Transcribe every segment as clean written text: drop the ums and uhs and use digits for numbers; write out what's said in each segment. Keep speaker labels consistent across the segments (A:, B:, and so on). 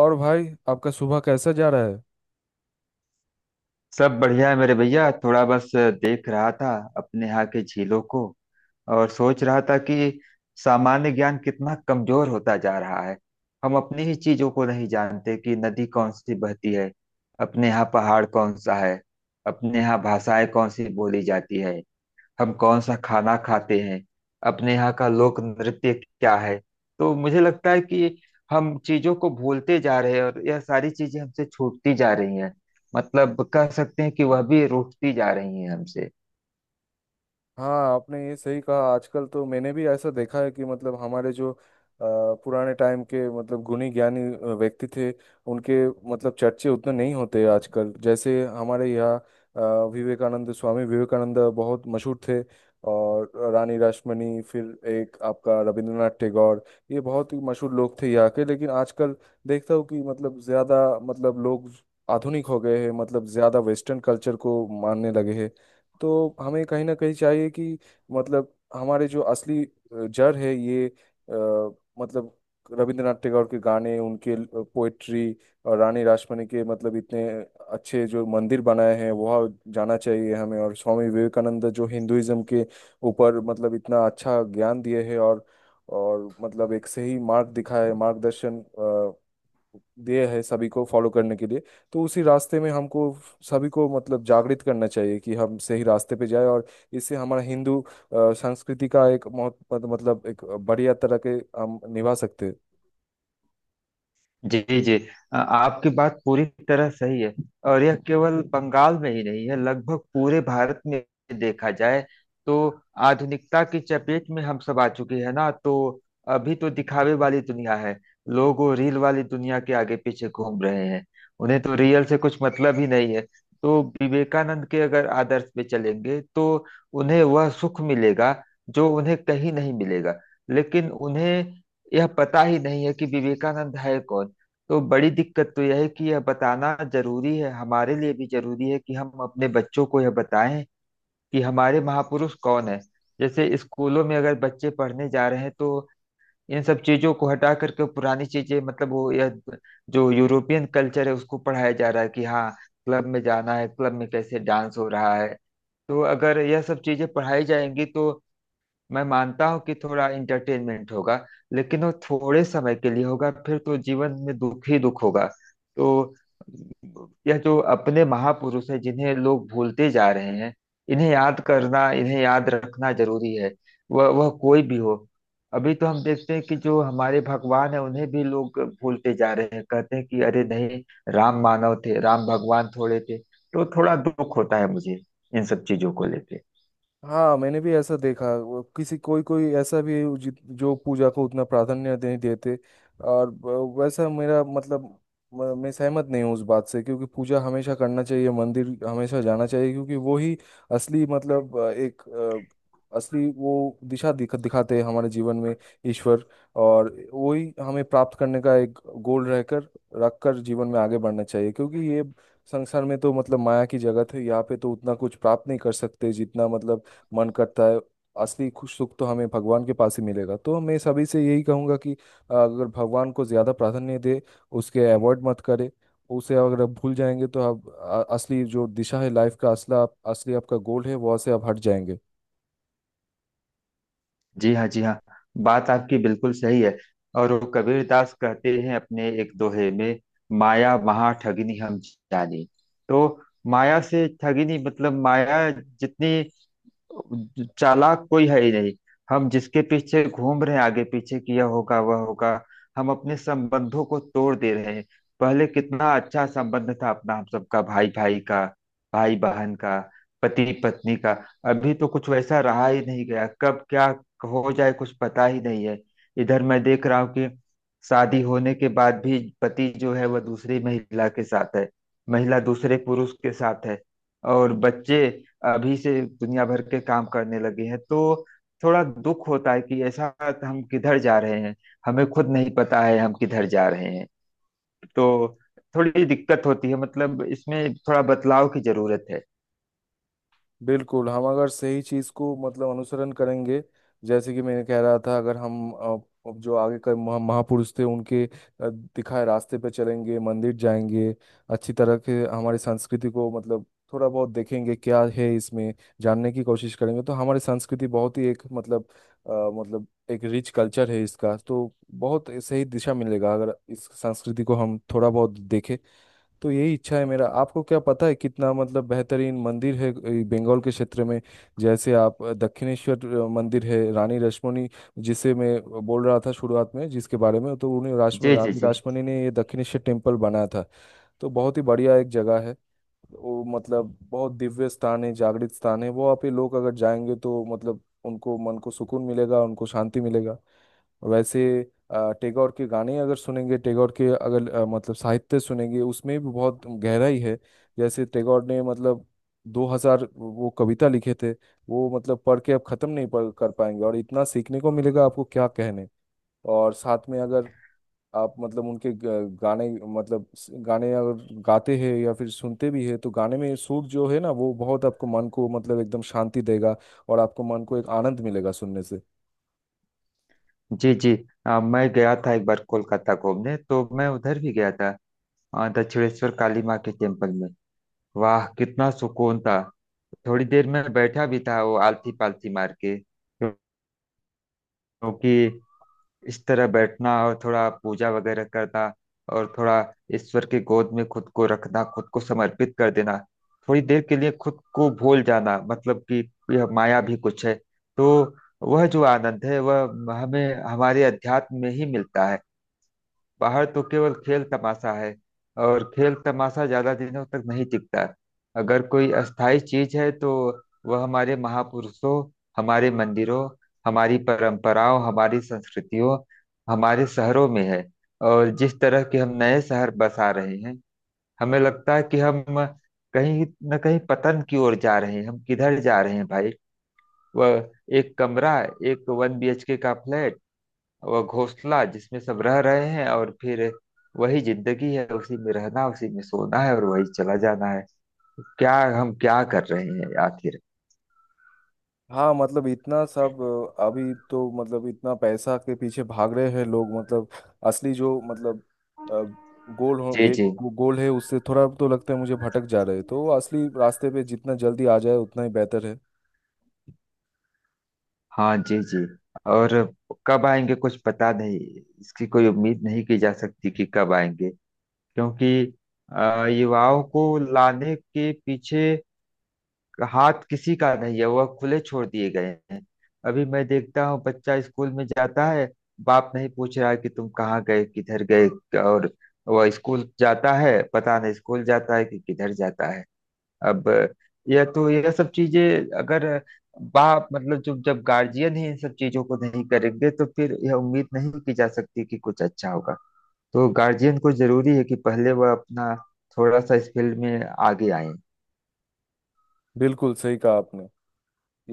A: और भाई आपका सुबह कैसा जा रहा है?
B: सब बढ़िया है मेरे भैया, थोड़ा बस देख रहा था अपने यहाँ के झीलों को। और सोच रहा था कि सामान्य ज्ञान कितना कमजोर होता जा रहा है। हम अपनी ही चीजों को नहीं जानते कि नदी कौन सी बहती है, अपने यहाँ पहाड़ कौन सा है, अपने यहाँ भाषाएं कौन सी बोली जाती है, हम कौन सा खाना खाते हैं, अपने यहाँ का लोक नृत्य क्या है। तो मुझे लगता है कि हम चीजों को भूलते जा रहे हैं और यह सारी चीजें हमसे छूटती जा रही हैं। मतलब कह सकते हैं कि वह भी रूठती जा रही हैं हमसे।
A: हाँ, आपने ये सही कहा। आजकल तो मैंने भी ऐसा देखा है कि मतलब हमारे जो पुराने टाइम के मतलब गुणी ज्ञानी व्यक्ति थे, उनके मतलब चर्चे उतने नहीं होते आजकल। जैसे हमारे यहाँ अ, विवेकानंद, स्वामी विवेकानंद बहुत मशहूर थे, और रानी रासमणी, फिर एक आपका रविंद्रनाथ टैगोर, ये बहुत ही मशहूर लोग थे यहाँ के। लेकिन आजकल देखता हूँ कि मतलब ज़्यादा मतलब लोग आधुनिक हो गए हैं, मतलब ज़्यादा वेस्टर्न कल्चर को मानने लगे हैं। तो हमें कहीं ना कहीं चाहिए कि मतलब हमारे जो असली जड़ है ये मतलब रविंद्रनाथ टैगोर के गाने, उनके पोएट्री, और रानी रासमणी के मतलब इतने अच्छे जो मंदिर बनाए हैं, वह जाना चाहिए हमें। और स्वामी विवेकानंद जो हिंदुइज्म के ऊपर मतलब इतना अच्छा ज्ञान दिए हैं, और मतलब एक सही मार्ग दिखाया है, मार्गदर्शन दिए है सभी को फॉलो करने के लिए। तो उसी रास्ते में हमको सभी को मतलब जागृत करना चाहिए कि हम सही रास्ते पे जाए, और इससे हमारा हिंदू अ, संस्कृति का एक मतलब एक बढ़िया तरह के हम निभा सकते हैं।
B: जी जी। आपकी बात पूरी तरह सही है। और यह केवल बंगाल में ही नहीं है, लगभग पूरे भारत में। देखा जाए तो आधुनिकता की चपेट में हम सब आ चुके हैं ना। तो अभी तो दिखावे वाली दुनिया है, लोग वो रील वाली दुनिया के आगे पीछे घूम रहे हैं। उन्हें तो रियल से कुछ मतलब ही नहीं है। तो विवेकानंद के अगर आदर्श पे चलेंगे तो उन्हें वह सुख मिलेगा जो उन्हें कहीं नहीं मिलेगा। लेकिन उन्हें यह पता ही नहीं है कि विवेकानंद है कौन। तो बड़ी दिक्कत तो यह है कि यह बताना जरूरी है, हमारे लिए भी जरूरी है कि हम अपने बच्चों को यह बताएं कि हमारे महापुरुष कौन है। जैसे स्कूलों में अगर बच्चे पढ़ने जा रहे हैं तो इन सब चीजों को हटा करके पुरानी चीजें, मतलब वो यह जो यूरोपियन कल्चर है उसको पढ़ाया जा रहा है कि हाँ, क्लब में जाना है, क्लब में कैसे डांस हो रहा है। तो अगर यह सब चीजें पढ़ाई जाएंगी तो मैं मानता हूँ कि थोड़ा इंटरटेनमेंट होगा, लेकिन वो थोड़े समय के लिए होगा, फिर तो जीवन में दुख ही दुख होगा। तो यह जो अपने महापुरुष हैं जिन्हें लोग भूलते जा रहे हैं, इन्हें याद करना, इन्हें याद रखना जरूरी है। वह कोई भी हो। अभी तो हम देखते हैं कि जो हमारे भगवान है उन्हें भी लोग भूलते जा रहे हैं, कहते हैं कि अरे नहीं, राम मानव थे, राम भगवान थोड़े थे। तो थोड़ा दुख होता है मुझे इन सब चीजों को लेके।
A: हाँ, मैंने भी ऐसा देखा। वो किसी कोई कोई ऐसा भी है जो पूजा को उतना प्राधान्य नहीं देते, और वैसा मेरा मतलब मैं सहमत नहीं हूँ उस बात से, क्योंकि पूजा हमेशा करना चाहिए, मंदिर हमेशा जाना चाहिए। क्योंकि वो ही असली मतलब एक असली वो दिशा दिखाते हैं हमारे जीवन में ईश्वर। और वही हमें प्राप्त करने का एक गोल रहकर, रख कर जीवन में आगे बढ़ना चाहिए, क्योंकि ये संसार में तो मतलब माया की जगत है, यहाँ पे तो उतना कुछ प्राप्त नहीं कर सकते जितना मतलब मन करता है। असली खुश सुख तो हमें भगवान के पास ही मिलेगा। तो मैं सभी से यही कहूँगा कि अगर भगवान को ज़्यादा प्राधान्य दे, उसके अवॉइड मत करे। उसे अगर आप भूल जाएंगे, तो आप असली जो दिशा है लाइफ का, असला असली आपका गोल है, वहाँ से आप हट जाएंगे।
B: जी हाँ जी हाँ। बात आपकी बिल्कुल सही है। और वो कबीरदास कहते हैं अपने एक दोहे में, माया महा ठगिनी हम जानी। तो माया से ठगिनी, मतलब माया जितनी चालाक कोई है ही नहीं। हम जिसके पीछे घूम रहे हैं, आगे पीछे किया होगा वह होगा। हम अपने संबंधों को तोड़ दे रहे हैं। पहले कितना अच्छा संबंध था अपना, हम सबका, भाई भाई का, भाई बहन का, पति पत्नी का। अभी तो कुछ वैसा रहा ही नहीं गया, कब क्या हो जाए कुछ पता ही नहीं है। इधर मैं देख रहा हूँ कि शादी होने के बाद भी पति जो है वह दूसरी महिला के साथ है, महिला दूसरे पुरुष के साथ है, और बच्चे अभी से दुनिया भर के काम करने लगे हैं। तो थोड़ा दुख होता है कि ऐसा हम किधर जा रहे हैं। हमें खुद नहीं पता है हम किधर जा रहे हैं। तो थोड़ी दिक्कत होती है, मतलब इसमें थोड़ा बदलाव की जरूरत है।
A: बिल्कुल, हम अगर सही चीज को मतलब अनुसरण करेंगे, जैसे कि मैंने कह रहा था, अगर हम अब जो आगे का महापुरुष थे उनके दिखाए रास्ते पे चलेंगे, मंदिर जाएंगे, अच्छी तरह के हमारी संस्कृति को मतलब थोड़ा बहुत देखेंगे क्या है इसमें, जानने की कोशिश करेंगे, तो हमारी संस्कृति बहुत ही एक मतलब मतलब एक रिच कल्चर है इसका। तो बहुत सही दिशा मिलेगा अगर इस संस्कृति को हम थोड़ा बहुत देखें। तो यही इच्छा है मेरा। आपको क्या पता है कितना मतलब बेहतरीन मंदिर है ये बंगाल के क्षेत्र में? जैसे आप दक्षिणेश्वर मंदिर है, रानी रश्मनी जिसे मैं बोल रहा था शुरुआत में जिसके बारे में, तो उन्हें राश्म
B: जी जी
A: रानी
B: जी
A: रश्मनी ने ये दक्षिणेश्वर टेम्पल बनाया था। तो बहुत ही बढ़िया एक जगह है वो। मतलब बहुत दिव्य स्थान है, जागृत स्थान है वो। आप ये लोग अगर जाएंगे तो मतलब उनको मन को सुकून मिलेगा, उनको शांति मिलेगा। वैसे टैगोर के गाने अगर सुनेंगे, टैगोर के अगर मतलब साहित्य सुनेंगे, उसमें भी बहुत गहराई है। जैसे टैगोर ने मतलब 2000 वो कविता लिखे थे, वो मतलब पढ़ के आप खत्म नहीं पढ़ कर पाएंगे, और इतना सीखने को मिलेगा आपको, क्या कहने। और साथ में अगर आप मतलब उनके गाने मतलब गाने अगर गाते हैं या फिर सुनते भी हैं, तो गाने में सुर जो है ना, वो बहुत आपको मन को मतलब एकदम शांति देगा, और आपको मन को एक आनंद मिलेगा सुनने से।
B: जी जी। मैं गया था एक बार कोलकाता घूमने, तो मैं उधर भी गया था। दक्षिणेश्वर काली माँ के टेम्पल में। वाह, कितना सुकून था। थोड़ी देर में बैठा भी था वो आलती पालती मार के, क्योंकि इस तरह बैठना और थोड़ा पूजा वगैरह करना, और थोड़ा ईश्वर की गोद में खुद को रखना, खुद को समर्पित कर देना, थोड़ी देर के लिए खुद को भूल जाना, मतलब कि यह माया भी कुछ है। तो वह जो आनंद है वह हमें हमारे अध्यात्म में ही मिलता है। बाहर तो केवल खेल तमाशा है, और खेल तमाशा ज्यादा दिनों तक नहीं टिकता। अगर कोई अस्थाई चीज है तो वह हमारे महापुरुषों, हमारे मंदिरों, हमारी परंपराओं, हमारी संस्कृतियों, हमारे शहरों में है। और जिस तरह के हम नए शहर बसा रहे हैं, हमें लगता है कि हम कहीं न कहीं पतन की ओर जा रहे हैं। हम किधर जा रहे हैं भाई? वह एक कमरा, एक 1 BHK का फ्लैट, वह घोंसला जिसमें सब रह रहे हैं, और फिर वही जिंदगी है, उसी में रहना, उसी में सोना है, और वही चला जाना है। क्या हम क्या कर रहे हैं आखिर?
A: हाँ, मतलब इतना सब अभी तो मतलब इतना पैसा के पीछे भाग रहे हैं लोग। मतलब असली जो मतलब गोल हो
B: जी
A: गे,
B: जी।
A: गोल है उससे थोड़ा तो लगता है मुझे भटक जा रहे हैं, तो असली रास्ते पे जितना जल्दी आ जाए उतना ही बेहतर है।
B: हाँ जी जी। और कब आएंगे कुछ पता नहीं, इसकी कोई उम्मीद नहीं की जा सकती कि कब आएंगे। क्योंकि युवाओं को लाने के पीछे हाथ किसी का नहीं है, वह खुले छोड़ दिए गए हैं। अभी मैं देखता हूँ बच्चा स्कूल में जाता है, बाप नहीं पूछ रहा कि तुम कहाँ गए, किधर गए। और वह स्कूल जाता है, पता नहीं स्कूल जाता है कि किधर जाता है। अब यह तो, यह सब चीजें अगर, बाप मतलब जो, जब गार्जियन ही इन सब चीजों को नहीं करेंगे तो फिर यह उम्मीद नहीं की जा सकती कि कुछ अच्छा होगा। तो गार्जियन को जरूरी है कि पहले वह अपना थोड़ा सा इस फील्ड में आगे आए।
A: बिल्कुल सही कहा आपने।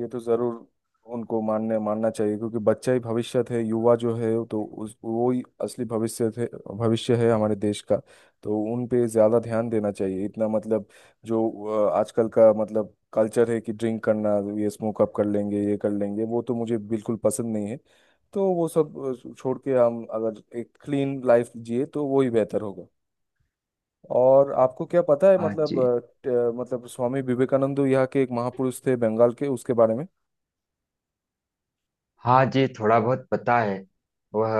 A: ये तो जरूर उनको मानने मानना चाहिए, क्योंकि बच्चा ही भविष्य है, युवा जो है तो उस वो ही असली भविष्य है हमारे देश का। तो उन पे ज्यादा ध्यान देना चाहिए इतना। मतलब जो आजकल का मतलब कल्चर है कि ड्रिंक करना, ये स्मोक अप कर लेंगे, ये कर लेंगे वो, तो मुझे बिल्कुल पसंद नहीं है। तो वो सब छोड़ के हम अगर एक क्लीन लाइफ जिए, तो वो ही बेहतर होगा। और आपको क्या पता है
B: हाँ
A: मतलब
B: जी।
A: मतलब स्वामी विवेकानंद यहाँ के एक महापुरुष थे बंगाल के, उसके बारे में?
B: हाँ जी, थोड़ा बहुत पता है। वह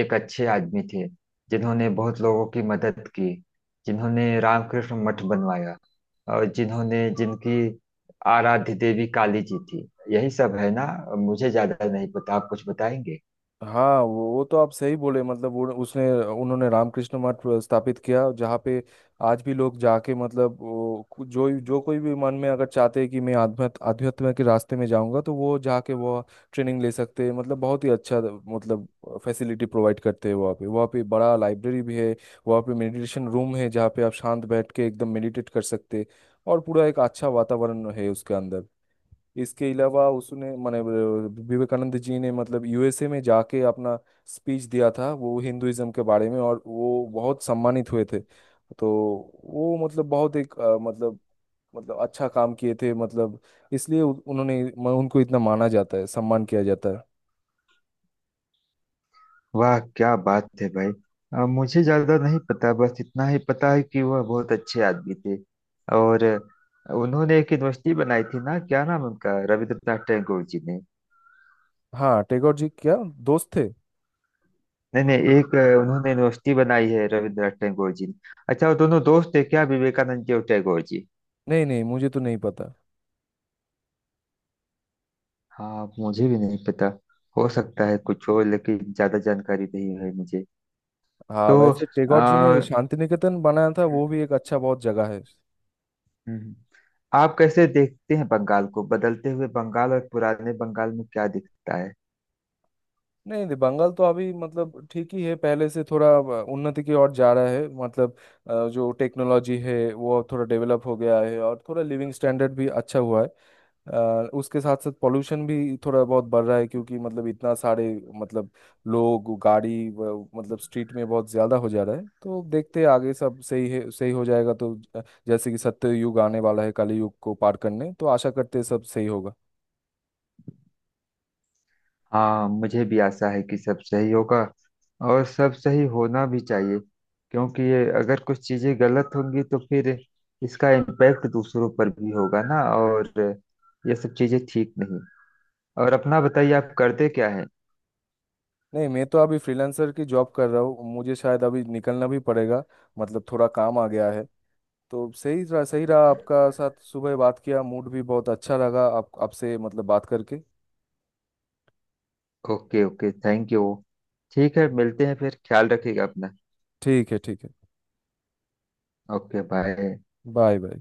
B: एक अच्छे आदमी थे जिन्होंने बहुत लोगों की मदद की, जिन्होंने रामकृष्ण मठ बनवाया, और जिन्होंने, जिनकी आराध्य देवी काली जी थी। यही सब है ना? मुझे ज्यादा नहीं पता, आप कुछ बताएंगे?
A: हाँ, वो तो आप सही बोले। मतलब वो उसने उन्होंने रामकृष्ण मठ स्थापित किया जहाँ पे आज भी लोग जाके, मतलब वो जो जो कोई भी मन में अगर चाहते हैं कि मैं आध्यात्म आध्यात्म के रास्ते में जाऊंगा, तो वो जाके वो ट्रेनिंग ले सकते हैं। मतलब बहुत ही अच्छा मतलब फैसिलिटी प्रोवाइड करते हैं वहाँ पे बड़ा लाइब्रेरी भी है, वहाँ पे मेडिटेशन रूम है जहाँ पे आप शांत बैठ के एकदम मेडिटेट कर सकते हैं, और पूरा एक अच्छा वातावरण है उसके अंदर। इसके अलावा उसने माने विवेकानंद जी ने मतलब यूएसए में जाके अपना स्पीच दिया था वो हिंदुइज्म के बारे में, और वो बहुत सम्मानित हुए थे। तो वो मतलब बहुत एक मतलब अच्छा काम किए थे, मतलब इसलिए उन्होंने उनको इतना माना जाता है, सम्मान किया जाता है।
B: वाह क्या बात है भाई। मुझे ज्यादा नहीं पता, बस इतना ही पता है कि वह बहुत अच्छे आदमी थे। और उन्होंने एक यूनिवर्सिटी बनाई थी ना, क्या नाम उनका, रविंद्रनाथ टैगोर जी ने।
A: हाँ, टैगोर जी क्या दोस्त थे?
B: नहीं नहीं, एक उन्होंने यूनिवर्सिटी बनाई है रविंद्रनाथ टैगोर जी ने। अच्छा, वो दोनों दोस्त है क्या, विवेकानंद जी और टैगोर जी?
A: नहीं, नहीं, मुझे तो नहीं पता।
B: हाँ मुझे भी नहीं पता। हो सकता है कुछ हो, लेकिन ज्यादा जानकारी नहीं है मुझे।
A: हाँ,
B: तो
A: वैसे टैगोर जी ने
B: आ,
A: शांति निकेतन बनाया था, वो भी एक अच्छा बहुत जगह है।
B: आप कैसे देखते हैं बंगाल को? बदलते हुए बंगाल और पुराने बंगाल में क्या दिखता है?
A: नहीं, नहीं, बंगाल तो अभी मतलब ठीक ही है, पहले से थोड़ा उन्नति की ओर जा रहा है। मतलब जो टेक्नोलॉजी है वो थोड़ा डेवलप हो गया है, और थोड़ा लिविंग स्टैंडर्ड भी अच्छा हुआ है। उसके साथ साथ पोल्यूशन भी थोड़ा बहुत बढ़ रहा है, क्योंकि मतलब इतना सारे मतलब लोग गाड़ी मतलब स्ट्रीट में बहुत ज़्यादा हो जा रहा है। तो देखते हैं, आगे सब सही है, सही हो जाएगा तो जैसे कि सत्य युग आने वाला है कली युग को पार करने, तो आशा करते हैं सब सही होगा।
B: हाँ मुझे भी आशा है कि सब सही होगा, और सब सही होना भी चाहिए। क्योंकि ये अगर कुछ चीजें गलत होंगी तो फिर इसका इम्पैक्ट दूसरों पर भी होगा ना। और ये सब चीजें ठीक नहीं। और अपना बताइए, आप करते क्या है?
A: नहीं, मैं तो अभी फ्रीलांसर की जॉब कर रहा हूँ, मुझे शायद अभी निकलना भी पड़ेगा, मतलब थोड़ा काम आ गया है। तो सही रहा, सही रहा आपका साथ, सुबह बात किया मूड भी बहुत अच्छा लगा आप आपसे मतलब बात करके।
B: Okay okay thank you. ठीक है, मिलते हैं फिर, ख्याल रखिएगा अपना।
A: ठीक है, ठीक है।
B: Okay bye.
A: Bye bye.